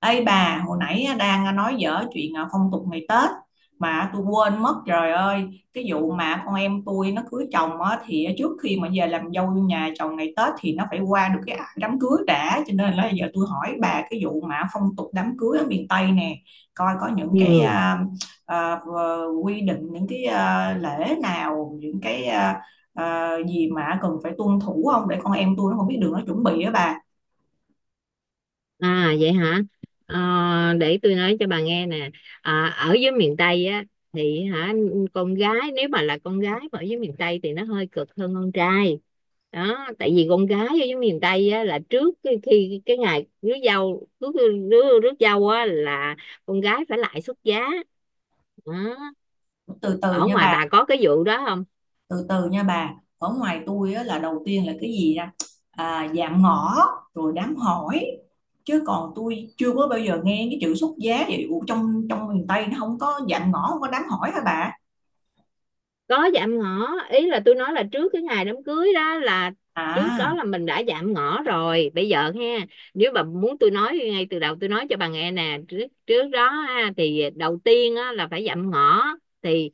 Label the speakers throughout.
Speaker 1: Ê bà, hồi nãy đang nói dở chuyện phong tục ngày Tết mà tôi quên mất trời ơi cái vụ mà con em tôi nó cưới chồng á, thì trước khi mà về làm dâu nhà chồng ngày Tết thì nó phải qua được cái đám cưới đã, cho nên là giờ tôi hỏi bà cái vụ mà phong tục đám cưới ở miền Tây nè, coi có những cái
Speaker 2: Ừ.
Speaker 1: à, quy định, những cái lễ nào, những cái gì mà cần phải tuân thủ không, để con em tôi nó không biết đường nó chuẩn bị á bà.
Speaker 2: À vậy hả? Ờ, để tôi nói cho bà nghe nè. À, ở dưới miền Tây á thì hả, con gái nếu mà là con gái mà ở dưới miền Tây thì nó hơi cực hơn con trai. Đó, tại vì con gái ở dưới miền Tây á là trước khi, khi cái ngày rước dâu, rước rước rước dâu á là con gái phải lại xuất giá. Đó.
Speaker 1: từ từ
Speaker 2: Ở
Speaker 1: nha
Speaker 2: ngoài
Speaker 1: bà
Speaker 2: bà có cái vụ đó không?
Speaker 1: từ từ nha bà ở ngoài tôi á, là đầu tiên là cái gì ra dạng ngõ rồi đám hỏi, chứ còn tôi chưa có bao giờ nghe cái chữ xuất giá vậy. Ủa, trong trong miền Tây nó không có dạng ngõ, không có đám hỏi hả bà?
Speaker 2: Có dạm ngõ ý là tôi nói là trước cái ngày đám cưới đó là trước đó
Speaker 1: à
Speaker 2: là mình đã dạm ngõ rồi. Bây giờ ha, nếu bà muốn tôi nói ngay từ đầu, tôi nói cho bà nghe nè, trước trước đó ha, thì đầu tiên á, là phải dạm ngõ. Thì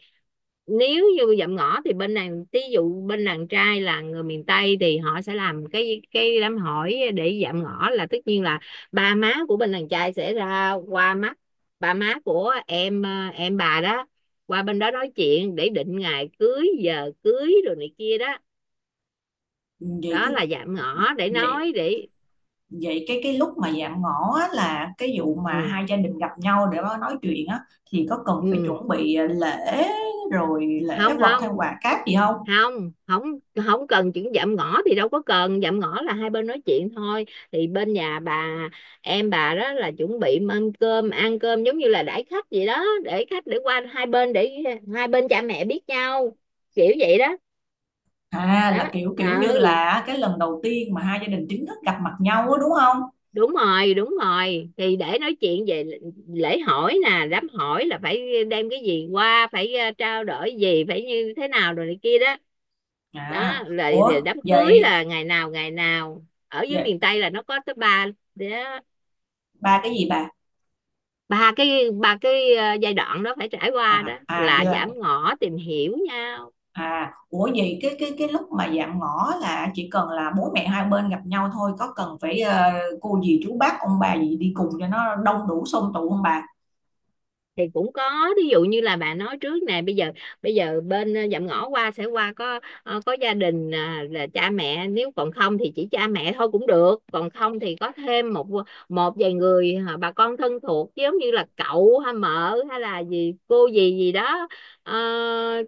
Speaker 2: nếu như dạm ngõ thì bên đàn ví dụ bên đàn trai là người miền Tây thì họ sẽ làm cái đám hỏi để dạm ngõ, là tất nhiên là ba má của bên đàn trai sẽ ra qua mắt ba má của em bà đó, qua bên đó nói chuyện để định ngày cưới giờ cưới rồi này kia đó.
Speaker 1: vậy
Speaker 2: Đó
Speaker 1: cái
Speaker 2: là dạm ngõ, để
Speaker 1: vậy
Speaker 2: nói để
Speaker 1: vậy cái cái lúc mà dạng ngõ á, là cái vụ mà
Speaker 2: ừ.
Speaker 1: hai gia đình gặp nhau để mà nói chuyện á, thì có cần phải
Speaker 2: Ừ.
Speaker 1: chuẩn bị lễ rồi lễ
Speaker 2: Không
Speaker 1: vật hay
Speaker 2: không,
Speaker 1: quà cáp gì không?
Speaker 2: không không, không cần. Chuyện dạm ngõ thì đâu có cần. Dạm ngõ là hai bên nói chuyện thôi, thì bên nhà bà, em bà đó là chuẩn bị mâm cơm ăn cơm giống như là đãi khách vậy đó, để khách để qua hai bên để hai bên cha mẹ biết nhau, kiểu vậy đó.
Speaker 1: À, là
Speaker 2: Đó.
Speaker 1: kiểu
Speaker 2: Ờ,
Speaker 1: kiểu như là cái lần đầu tiên mà hai gia đình chính thức gặp mặt nhau á, đúng không?
Speaker 2: đúng rồi, đúng rồi, thì để nói chuyện về lễ hỏi nè. Đám hỏi là phải đem cái gì qua, phải trao đổi gì, phải như thế nào rồi này kia đó.
Speaker 1: À,
Speaker 2: Đó rồi, rồi
Speaker 1: ủa
Speaker 2: đám cưới
Speaker 1: vậy
Speaker 2: là ngày nào, ngày nào. Ở dưới
Speaker 1: vậy
Speaker 2: miền Tây là nó có tới ba. Đó,
Speaker 1: ba cái gì bà?
Speaker 2: ba cái, ba cái giai đoạn đó phải trải qua,
Speaker 1: À,
Speaker 2: đó
Speaker 1: à vậy
Speaker 2: là
Speaker 1: là
Speaker 2: giảm ngõ tìm hiểu nhau.
Speaker 1: à ủa vậy cái lúc mà dạm ngõ là chỉ cần là bố mẹ hai bên gặp nhau thôi, có cần phải cô dì chú bác ông bà gì đi cùng cho nó đông đủ xôm tụ không bà?
Speaker 2: Thì cũng có, ví dụ như là bạn nói trước nè, bây giờ bên dạm ngõ qua sẽ qua có có gia đình à, là cha mẹ, nếu còn không thì chỉ cha mẹ thôi cũng được, còn không thì có thêm một một vài người bà con thân thuộc, giống như là cậu hay mợ hay là gì, cô gì gì đó ờ,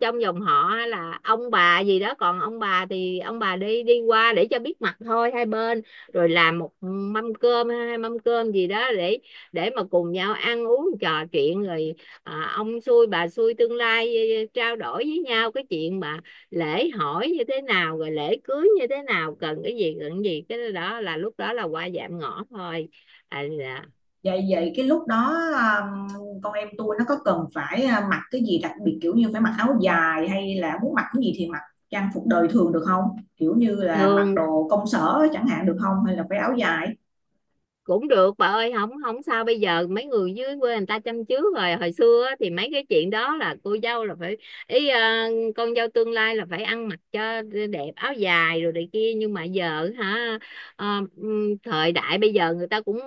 Speaker 2: trong dòng họ hay là ông bà gì đó. Còn ông bà thì ông bà đi đi qua để cho biết mặt thôi hai bên, rồi làm một mâm cơm hay hai mâm cơm gì đó để mà cùng nhau ăn uống trò chuyện. Rồi à, ông xui bà xui tương lai trao đổi với nhau cái chuyện mà lễ hỏi như thế nào, rồi lễ cưới như thế nào, cần cái gì, cần cái gì. Cái đó là lúc đó là qua giảm ngõ thôi. À, dạ.
Speaker 1: Vậy vậy cái lúc đó con em tôi nó có cần phải mặc cái gì đặc biệt, kiểu như phải mặc áo dài, hay là muốn mặc cái gì thì mặc, trang phục đời thường được không? Kiểu như là mặc
Speaker 2: Thường
Speaker 1: đồ công sở chẳng hạn được không, hay là phải áo dài?
Speaker 2: cũng được bà ơi, không không sao. Bây giờ mấy người dưới quê người ta chăm trước rồi. Hồi xưa á, thì mấy cái chuyện đó là cô dâu là phải ý ờ, con dâu tương lai là phải ăn mặc cho đẹp, áo dài rồi này kia, nhưng mà giờ hả ờ, thời đại bây giờ người ta cũng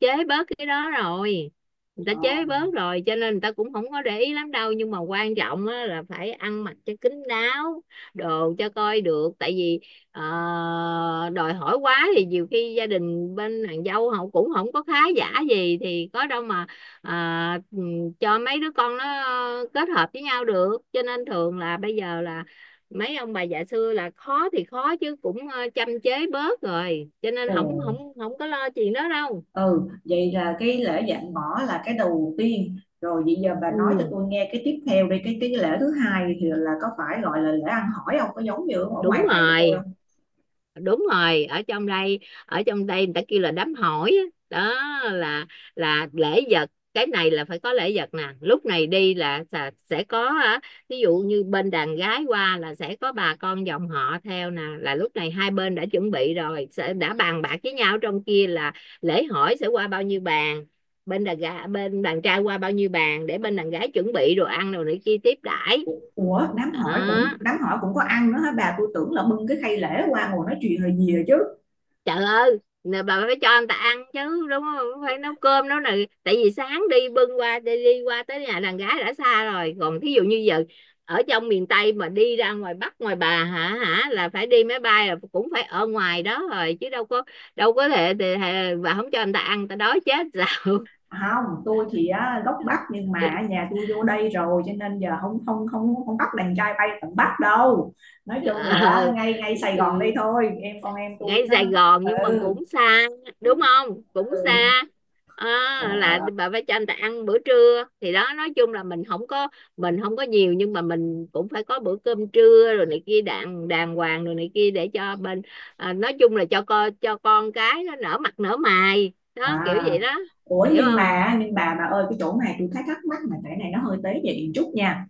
Speaker 2: chế bớt cái đó rồi, người ta
Speaker 1: Ờ.
Speaker 2: chế bớt rồi, cho nên người ta cũng không có để ý lắm đâu. Nhưng mà quan trọng á, là phải ăn mặc cho kín đáo, đồ cho coi được, tại vì Ờ, đòi hỏi quá thì nhiều khi gia đình bên nàng dâu họ cũng không có khá giả gì thì có đâu mà à, ừ, cho mấy đứa con nó kết hợp với nhau được. Cho nên thường là bây giờ là mấy ông bà già xưa là khó thì khó chứ cũng châm chế bớt rồi, cho nên
Speaker 1: Ồ.
Speaker 2: không không, không có lo chuyện đó đâu.
Speaker 1: Ừ, vậy là cái lễ dạn bỏ là cái đầu tiên rồi. Vậy giờ bà nói cho
Speaker 2: Ừ,
Speaker 1: tôi nghe cái tiếp theo đi, cái lễ thứ hai thì là có phải gọi là lễ ăn hỏi không, có giống như ở
Speaker 2: đúng
Speaker 1: ngoài này của tôi
Speaker 2: rồi,
Speaker 1: không?
Speaker 2: đúng rồi. Ở trong đây người ta kêu là đám hỏi á. Đó, là là lễ vật. Cái này là phải có lễ vật nè. Lúc này đi là sẽ có á, ví dụ như bên đàn gái qua là sẽ có bà con dòng họ theo nè, là lúc này hai bên đã chuẩn bị rồi, sẽ đã bàn bạc với nhau trong kia là lễ hỏi sẽ qua bao nhiêu bàn, bên đàn gái bên đàn trai qua bao nhiêu bàn, để bên đàn gái chuẩn bị đồ ăn rồi này kia tiếp đãi.
Speaker 1: Ủa, đám hỏi, cũng
Speaker 2: Đó.
Speaker 1: đám hỏi cũng có ăn nữa hả bà? Tôi tưởng là bưng cái khay lễ qua ngồi nói chuyện là gì rồi chứ.
Speaker 2: Trời ơi, nè bà phải cho anh ta ăn chứ, đúng không? Phải nấu cơm nấu này, tại vì sáng đi bưng qua đi, đi qua tới nhà đàn gái đã xa rồi. Còn thí dụ như giờ ở trong miền Tây mà đi ra ngoài Bắc ngoài bà hả, hả, là phải đi máy bay, là cũng phải ở ngoài đó rồi chứ đâu có, đâu có thể, thể, thể bà không cho anh ta ăn ta đói chết sao?
Speaker 1: Không, tôi thì á, gốc Bắc nhưng mà nhà tôi vô đây rồi, cho nên giờ không không không không bắt đàn trai bay tận Bắc đâu. Nói chung là
Speaker 2: Ờ.
Speaker 1: ngay ngay
Speaker 2: Ừ,
Speaker 1: Sài
Speaker 2: ừ.
Speaker 1: Gòn đây thôi, em con em
Speaker 2: Ngay
Speaker 1: tôi nó.
Speaker 2: Sài Gòn nhưng mà
Speaker 1: Ừ,
Speaker 2: cũng xa, đúng không, cũng
Speaker 1: ừ.
Speaker 2: xa. Ờ, là bà phải cho anh ta ăn bữa trưa, thì đó. Nói chung là mình không có, nhiều nhưng mà mình cũng phải có bữa cơm trưa rồi này kia đàng, đàng hoàng rồi này kia, để cho bên à, nói chung là cho con cái nó nở mặt nở mày đó, kiểu
Speaker 1: À,
Speaker 2: vậy đó.
Speaker 1: ủa
Speaker 2: Hiểu
Speaker 1: nhưng
Speaker 2: không.
Speaker 1: mà nhưng bà ơi, cái chỗ này tôi thấy thắc mắc, mà cái này nó hơi tế nhị một chút nha.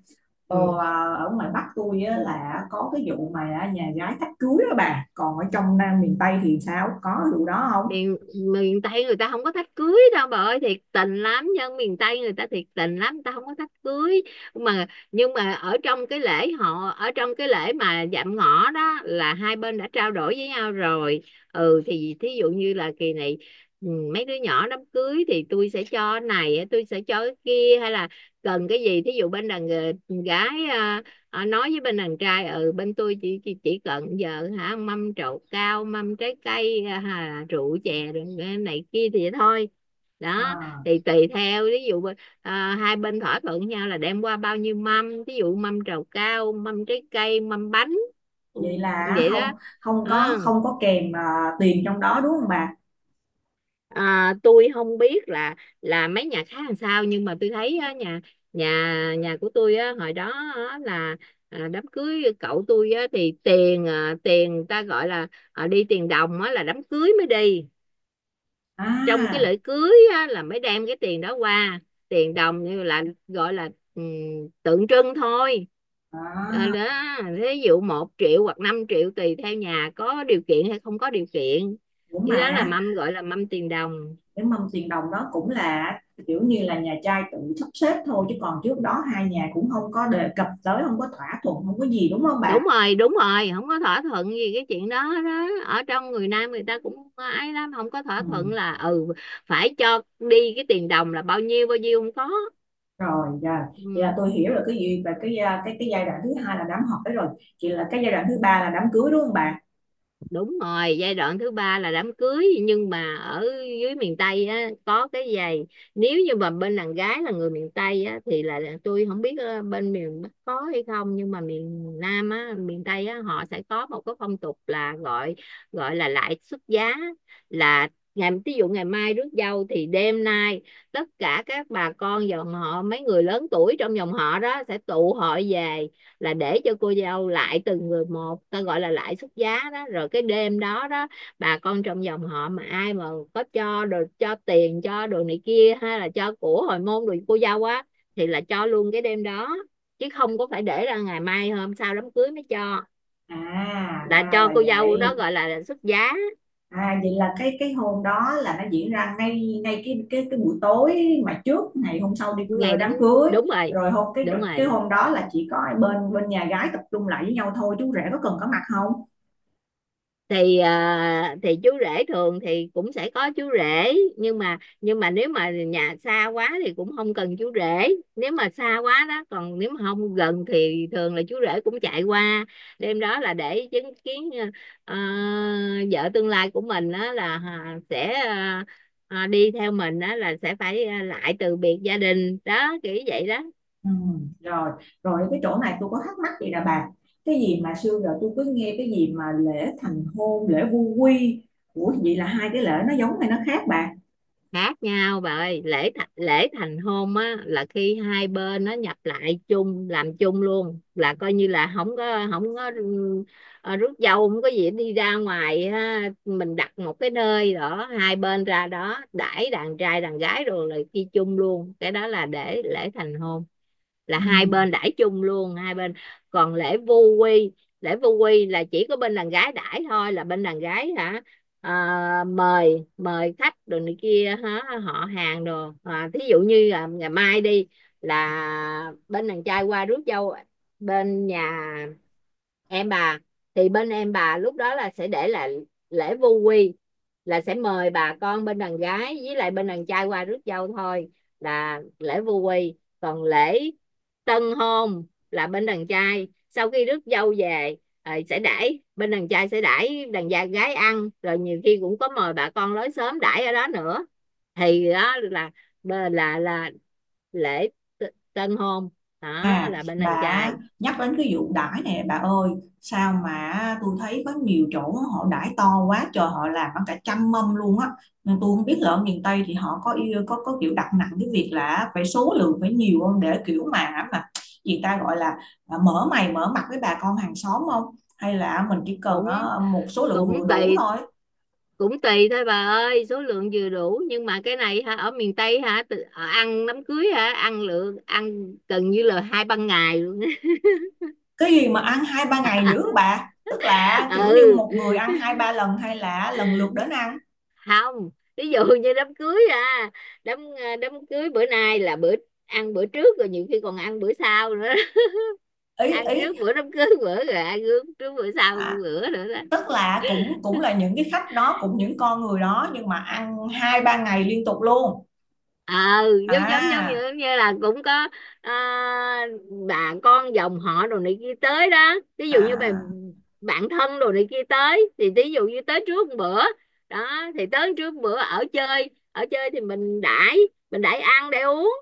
Speaker 1: Ờ,
Speaker 2: Ừ.
Speaker 1: ở ngoài Bắc tôi á, là có cái vụ mà nhà gái thách cưới đó bà. Còn ở trong Nam miền Tây thì sao? Có vụ đó không?
Speaker 2: Miền, miền Tây người ta không có thách cưới đâu bà ơi. Thiệt tình lắm, dân miền Tây người ta thiệt tình lắm, người ta không có thách cưới. Mà nhưng mà ở trong cái lễ họ, ở trong cái lễ mà dạm ngõ đó, là hai bên đã trao đổi với nhau rồi. Ừ thì thí dụ như là kỳ này ừ, mấy đứa nhỏ đám cưới thì tôi sẽ cho cái này, tôi sẽ cho cái kia, hay là cần cái gì. Thí dụ bên đàn gái à, Ờ, nói với bên đàn trai, ừ bên tôi chỉ chỉ cần giờ hả mâm trầu cao, mâm trái cây à, rượu chè rồi này kia thì thôi. Đó,
Speaker 1: À,
Speaker 2: thì tùy theo, ví dụ à, hai bên thỏa thuận nhau là đem qua bao nhiêu mâm, ví dụ mâm trầu cao, mâm trái cây, mâm bánh. Ừ,
Speaker 1: vậy là
Speaker 2: vậy
Speaker 1: không,
Speaker 2: đó.
Speaker 1: không
Speaker 2: Ờ.
Speaker 1: có, không có kèm tiền trong đó đúng không bà?
Speaker 2: À, tôi không biết là mấy nhà khác làm sao, nhưng mà tôi thấy á, nhà nhà nhà của tôi á, hồi đó á, là à, đám cưới cậu tôi á, thì tiền à, tiền ta gọi là à, đi tiền đồng á, là đám cưới mới đi. Trong cái
Speaker 1: À,
Speaker 2: lễ cưới á, là mới đem cái tiền đó qua. Tiền đồng như là gọi là ừ, tượng trưng thôi. Ờ,
Speaker 1: à
Speaker 2: đó, ví dụ một triệu hoặc 5 triệu, tùy theo nhà có điều kiện hay không có điều kiện.
Speaker 1: ủa
Speaker 2: Cái đó là
Speaker 1: mà
Speaker 2: mâm gọi là mâm tiền đồng.
Speaker 1: cái mâm tiền đồng đó cũng là kiểu như là nhà trai tự sắp xếp thôi, chứ còn trước đó hai nhà cũng không có đề cập tới, không có thỏa thuận, không có gì, đúng không bà?
Speaker 2: Đúng rồi, đúng rồi, không có thỏa thuận gì cái chuyện đó đó. Ở trong người Nam người ta cũng ấy lắm, không có thỏa
Speaker 1: Ừ,
Speaker 2: thuận là ừ phải cho đi cái tiền đồng là bao nhiêu bao nhiêu, không có.
Speaker 1: rồi dạ. Vậy là
Speaker 2: Ừ.
Speaker 1: tôi hiểu là cái gì và cái giai đoạn thứ hai là đám hỏi rồi, chỉ là cái giai đoạn thứ ba là đám cưới đúng không bà?
Speaker 2: Đúng rồi, giai đoạn thứ ba là đám cưới. Nhưng mà ở dưới miền Tây á có cái giày. Nếu như mà bên đàn gái là người miền Tây á thì là tôi không biết ờ, bên miền Bắc có hay không, nhưng mà miền Nam á, miền Tây á, họ sẽ có một cái phong tục là gọi, gọi là lại xuất giá. Là ngày, ví dụ ngày mai rước dâu thì đêm nay tất cả các bà con dòng họ, mấy người lớn tuổi trong dòng họ đó sẽ tụ hội về, là để cho cô dâu lại từng người một, ta gọi là lại xuất giá đó. Rồi cái đêm đó đó, bà con trong dòng họ mà ai mà có cho đồ, cho tiền, cho đồ này kia, hay là cho của hồi môn đồ cô dâu á, thì là cho luôn cái đêm đó, chứ không có phải để ra ngày mai hôm sau đám cưới mới cho,
Speaker 1: À,
Speaker 2: là
Speaker 1: ra
Speaker 2: cho
Speaker 1: là
Speaker 2: cô dâu đó,
Speaker 1: vậy.
Speaker 2: gọi là xuất giá.
Speaker 1: À, vậy là cái hôm đó là nó diễn ra ngay ngay cái buổi tối mà trước ngày hôm sau đi
Speaker 2: Ngày đám,
Speaker 1: đám cưới.
Speaker 2: đúng rồi,
Speaker 1: Rồi hôm
Speaker 2: đúng
Speaker 1: cái
Speaker 2: rồi.
Speaker 1: hôm đó là chỉ có bên bên nhà gái tập trung lại với nhau thôi, chú rể có cần có mặt không?
Speaker 2: Thì à, thì chú rể thường thì cũng sẽ có chú rể, nhưng mà nếu mà nhà xa quá thì cũng không cần chú rể. Nếu mà xa quá đó, còn nếu mà không gần thì thường là chú rể cũng chạy qua đêm đó, là để chứng kiến ờ, vợ tương lai của mình đó là à, sẽ à, à, đi theo mình đó, là sẽ phải à, lại từ biệt gia đình đó, kiểu vậy đó.
Speaker 1: Ừ, rồi. Rồi cái chỗ này tôi có thắc mắc gì là bà, cái gì mà xưa giờ tôi cứ nghe cái gì mà lễ thành hôn, lễ vu quy, ủa vậy là hai cái lễ nó giống hay nó khác bà?
Speaker 2: Khác nhau bà ơi. Lễ thành hôn á là khi hai bên nó nhập lại chung, làm chung luôn, là coi như là không có, không có ừ, ờ, rước dâu, không có gì đi ra ngoài ha. Mình đặt một cái nơi đó, hai bên ra đó đãi đàn trai đàn gái rồi là đi chung luôn, cái đó là để lễ thành hôn, là
Speaker 1: Ừ.
Speaker 2: hai bên đãi chung luôn hai bên. Còn lễ vu quy, lễ vu quy là chỉ có bên đàn gái đãi thôi, là bên đàn gái hả à, mời, mời khách đồ này kia hả, họ hàng đồ à, thí dụ như là ngày mai đi là bên đàn trai qua rước dâu bên nhà em bà, thì bên em bà lúc đó là sẽ để là lễ vu quy, là sẽ mời bà con bên đàn gái với lại bên đàn trai qua rước dâu thôi, là lễ vu quy. Còn lễ tân hôn là bên đàn trai sau khi rước dâu về ờ, sẽ đãi bên đàn trai sẽ đãi đàn gia gái ăn, rồi nhiều khi cũng có mời bà con lối xóm đãi ở đó nữa. Thì đó là là lễ tân hôn, đó
Speaker 1: À,
Speaker 2: là bên đàn trai.
Speaker 1: bà nhắc đến cái vụ đãi nè bà ơi, sao mà tôi thấy có nhiều chỗ họ đãi to quá trời, họ làm bằng cả trăm mâm luôn á, nên tôi không biết là ở miền Tây thì họ có yêu, có kiểu đặt nặng cái việc là phải số lượng phải nhiều không, để kiểu mà gì ta gọi là mở mày mở mặt với bà con hàng xóm không, hay là mình chỉ cần
Speaker 2: cũng
Speaker 1: một số lượng
Speaker 2: cũng
Speaker 1: vừa đủ
Speaker 2: tùy,
Speaker 1: thôi?
Speaker 2: cũng tùy thôi bà ơi. Số lượng vừa đủ, nhưng mà cái này hả ở miền Tây hả ờ, ăn đám cưới hả ăn lượng ăn gần như là hai ba ngày luôn.
Speaker 1: Cái gì mà ăn hai ba ngày dữ bà, tức là kiểu như
Speaker 2: Ừ.
Speaker 1: một người ăn hai ba lần hay là lần lượt đến ăn?
Speaker 2: Không, ví dụ như đám cưới à, đám ờ, đám cưới bữa nay là bữa ăn bữa trước, rồi nhiều khi còn ăn bữa sau nữa đó.
Speaker 1: Ý
Speaker 2: Ăn
Speaker 1: ý
Speaker 2: trước bữa đám cưới bữa rồi ăn trước, trước bữa sau,
Speaker 1: à,
Speaker 2: bữa nữa đó.
Speaker 1: Tức là cũng, cũng là những cái khách đó, cũng những con người đó nhưng mà ăn hai ba ngày liên tục luôn.
Speaker 2: Ờ, giống giống giống
Speaker 1: À,
Speaker 2: như, như là cũng có ờ, bà con dòng họ đồ này kia tới đó, ví dụ như bà
Speaker 1: à.
Speaker 2: bạn thân đồ này kia tới, thì ví dụ như tới trước một bữa đó, thì tới trước một bữa ở chơi, ở chơi thì mình đãi, mình đãi ăn để uống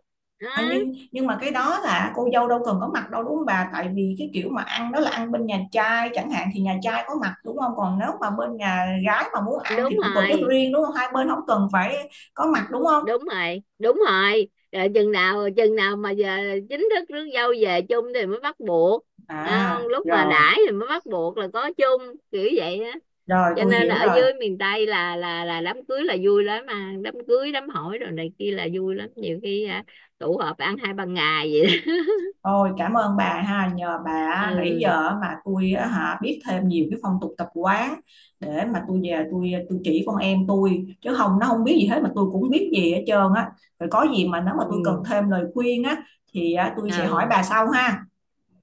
Speaker 1: À,
Speaker 2: đó.
Speaker 1: nhưng mà cái đó là cô dâu đâu cần có mặt đâu đúng không bà? Tại vì cái kiểu mà ăn đó là ăn bên nhà trai chẳng hạn thì nhà trai có mặt đúng không? Còn nếu mà bên nhà gái mà muốn ăn
Speaker 2: Đúng
Speaker 1: thì cũng tổ chức
Speaker 2: rồi,
Speaker 1: riêng đúng không? Hai bên không cần phải có mặt đúng không?
Speaker 2: đúng rồi, đúng rồi. Rồi chừng nào mà giờ chính thức rước dâu về chung thì mới bắt buộc. Thấy không?
Speaker 1: À,
Speaker 2: Lúc mà
Speaker 1: rồi,
Speaker 2: đãi thì mới bắt buộc là có chung, kiểu vậy á.
Speaker 1: rồi
Speaker 2: Cho
Speaker 1: tôi
Speaker 2: nên là
Speaker 1: hiểu
Speaker 2: ở
Speaker 1: rồi.
Speaker 2: dưới miền Tây là là đám cưới là vui lắm, mà đám cưới đám hỏi rồi này kia là vui lắm, nhiều khi à, tụ họp ăn hai ba ngày vậy đó.
Speaker 1: Ôi cảm ơn bà ha, nhờ bà nãy
Speaker 2: Ừ,
Speaker 1: giờ mà tôi á hả biết thêm nhiều cái phong tục tập quán để mà tôi về, tôi chỉ con em tôi, chứ không nó không biết gì hết mà tôi cũng biết gì hết trơn á. Rồi có gì mà nếu mà tôi cần
Speaker 2: ừ.
Speaker 1: thêm lời khuyên á thì á, tôi sẽ hỏi
Speaker 2: Ừ,
Speaker 1: bà sau ha.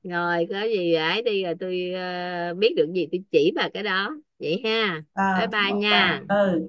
Speaker 2: rồi có gì ấy đi, rồi tôi ờ, biết được gì tôi chỉ bà cái đó vậy ha. Bye
Speaker 1: Ờ, cảm
Speaker 2: bye
Speaker 1: ơn bà.
Speaker 2: nha.
Speaker 1: Ừ.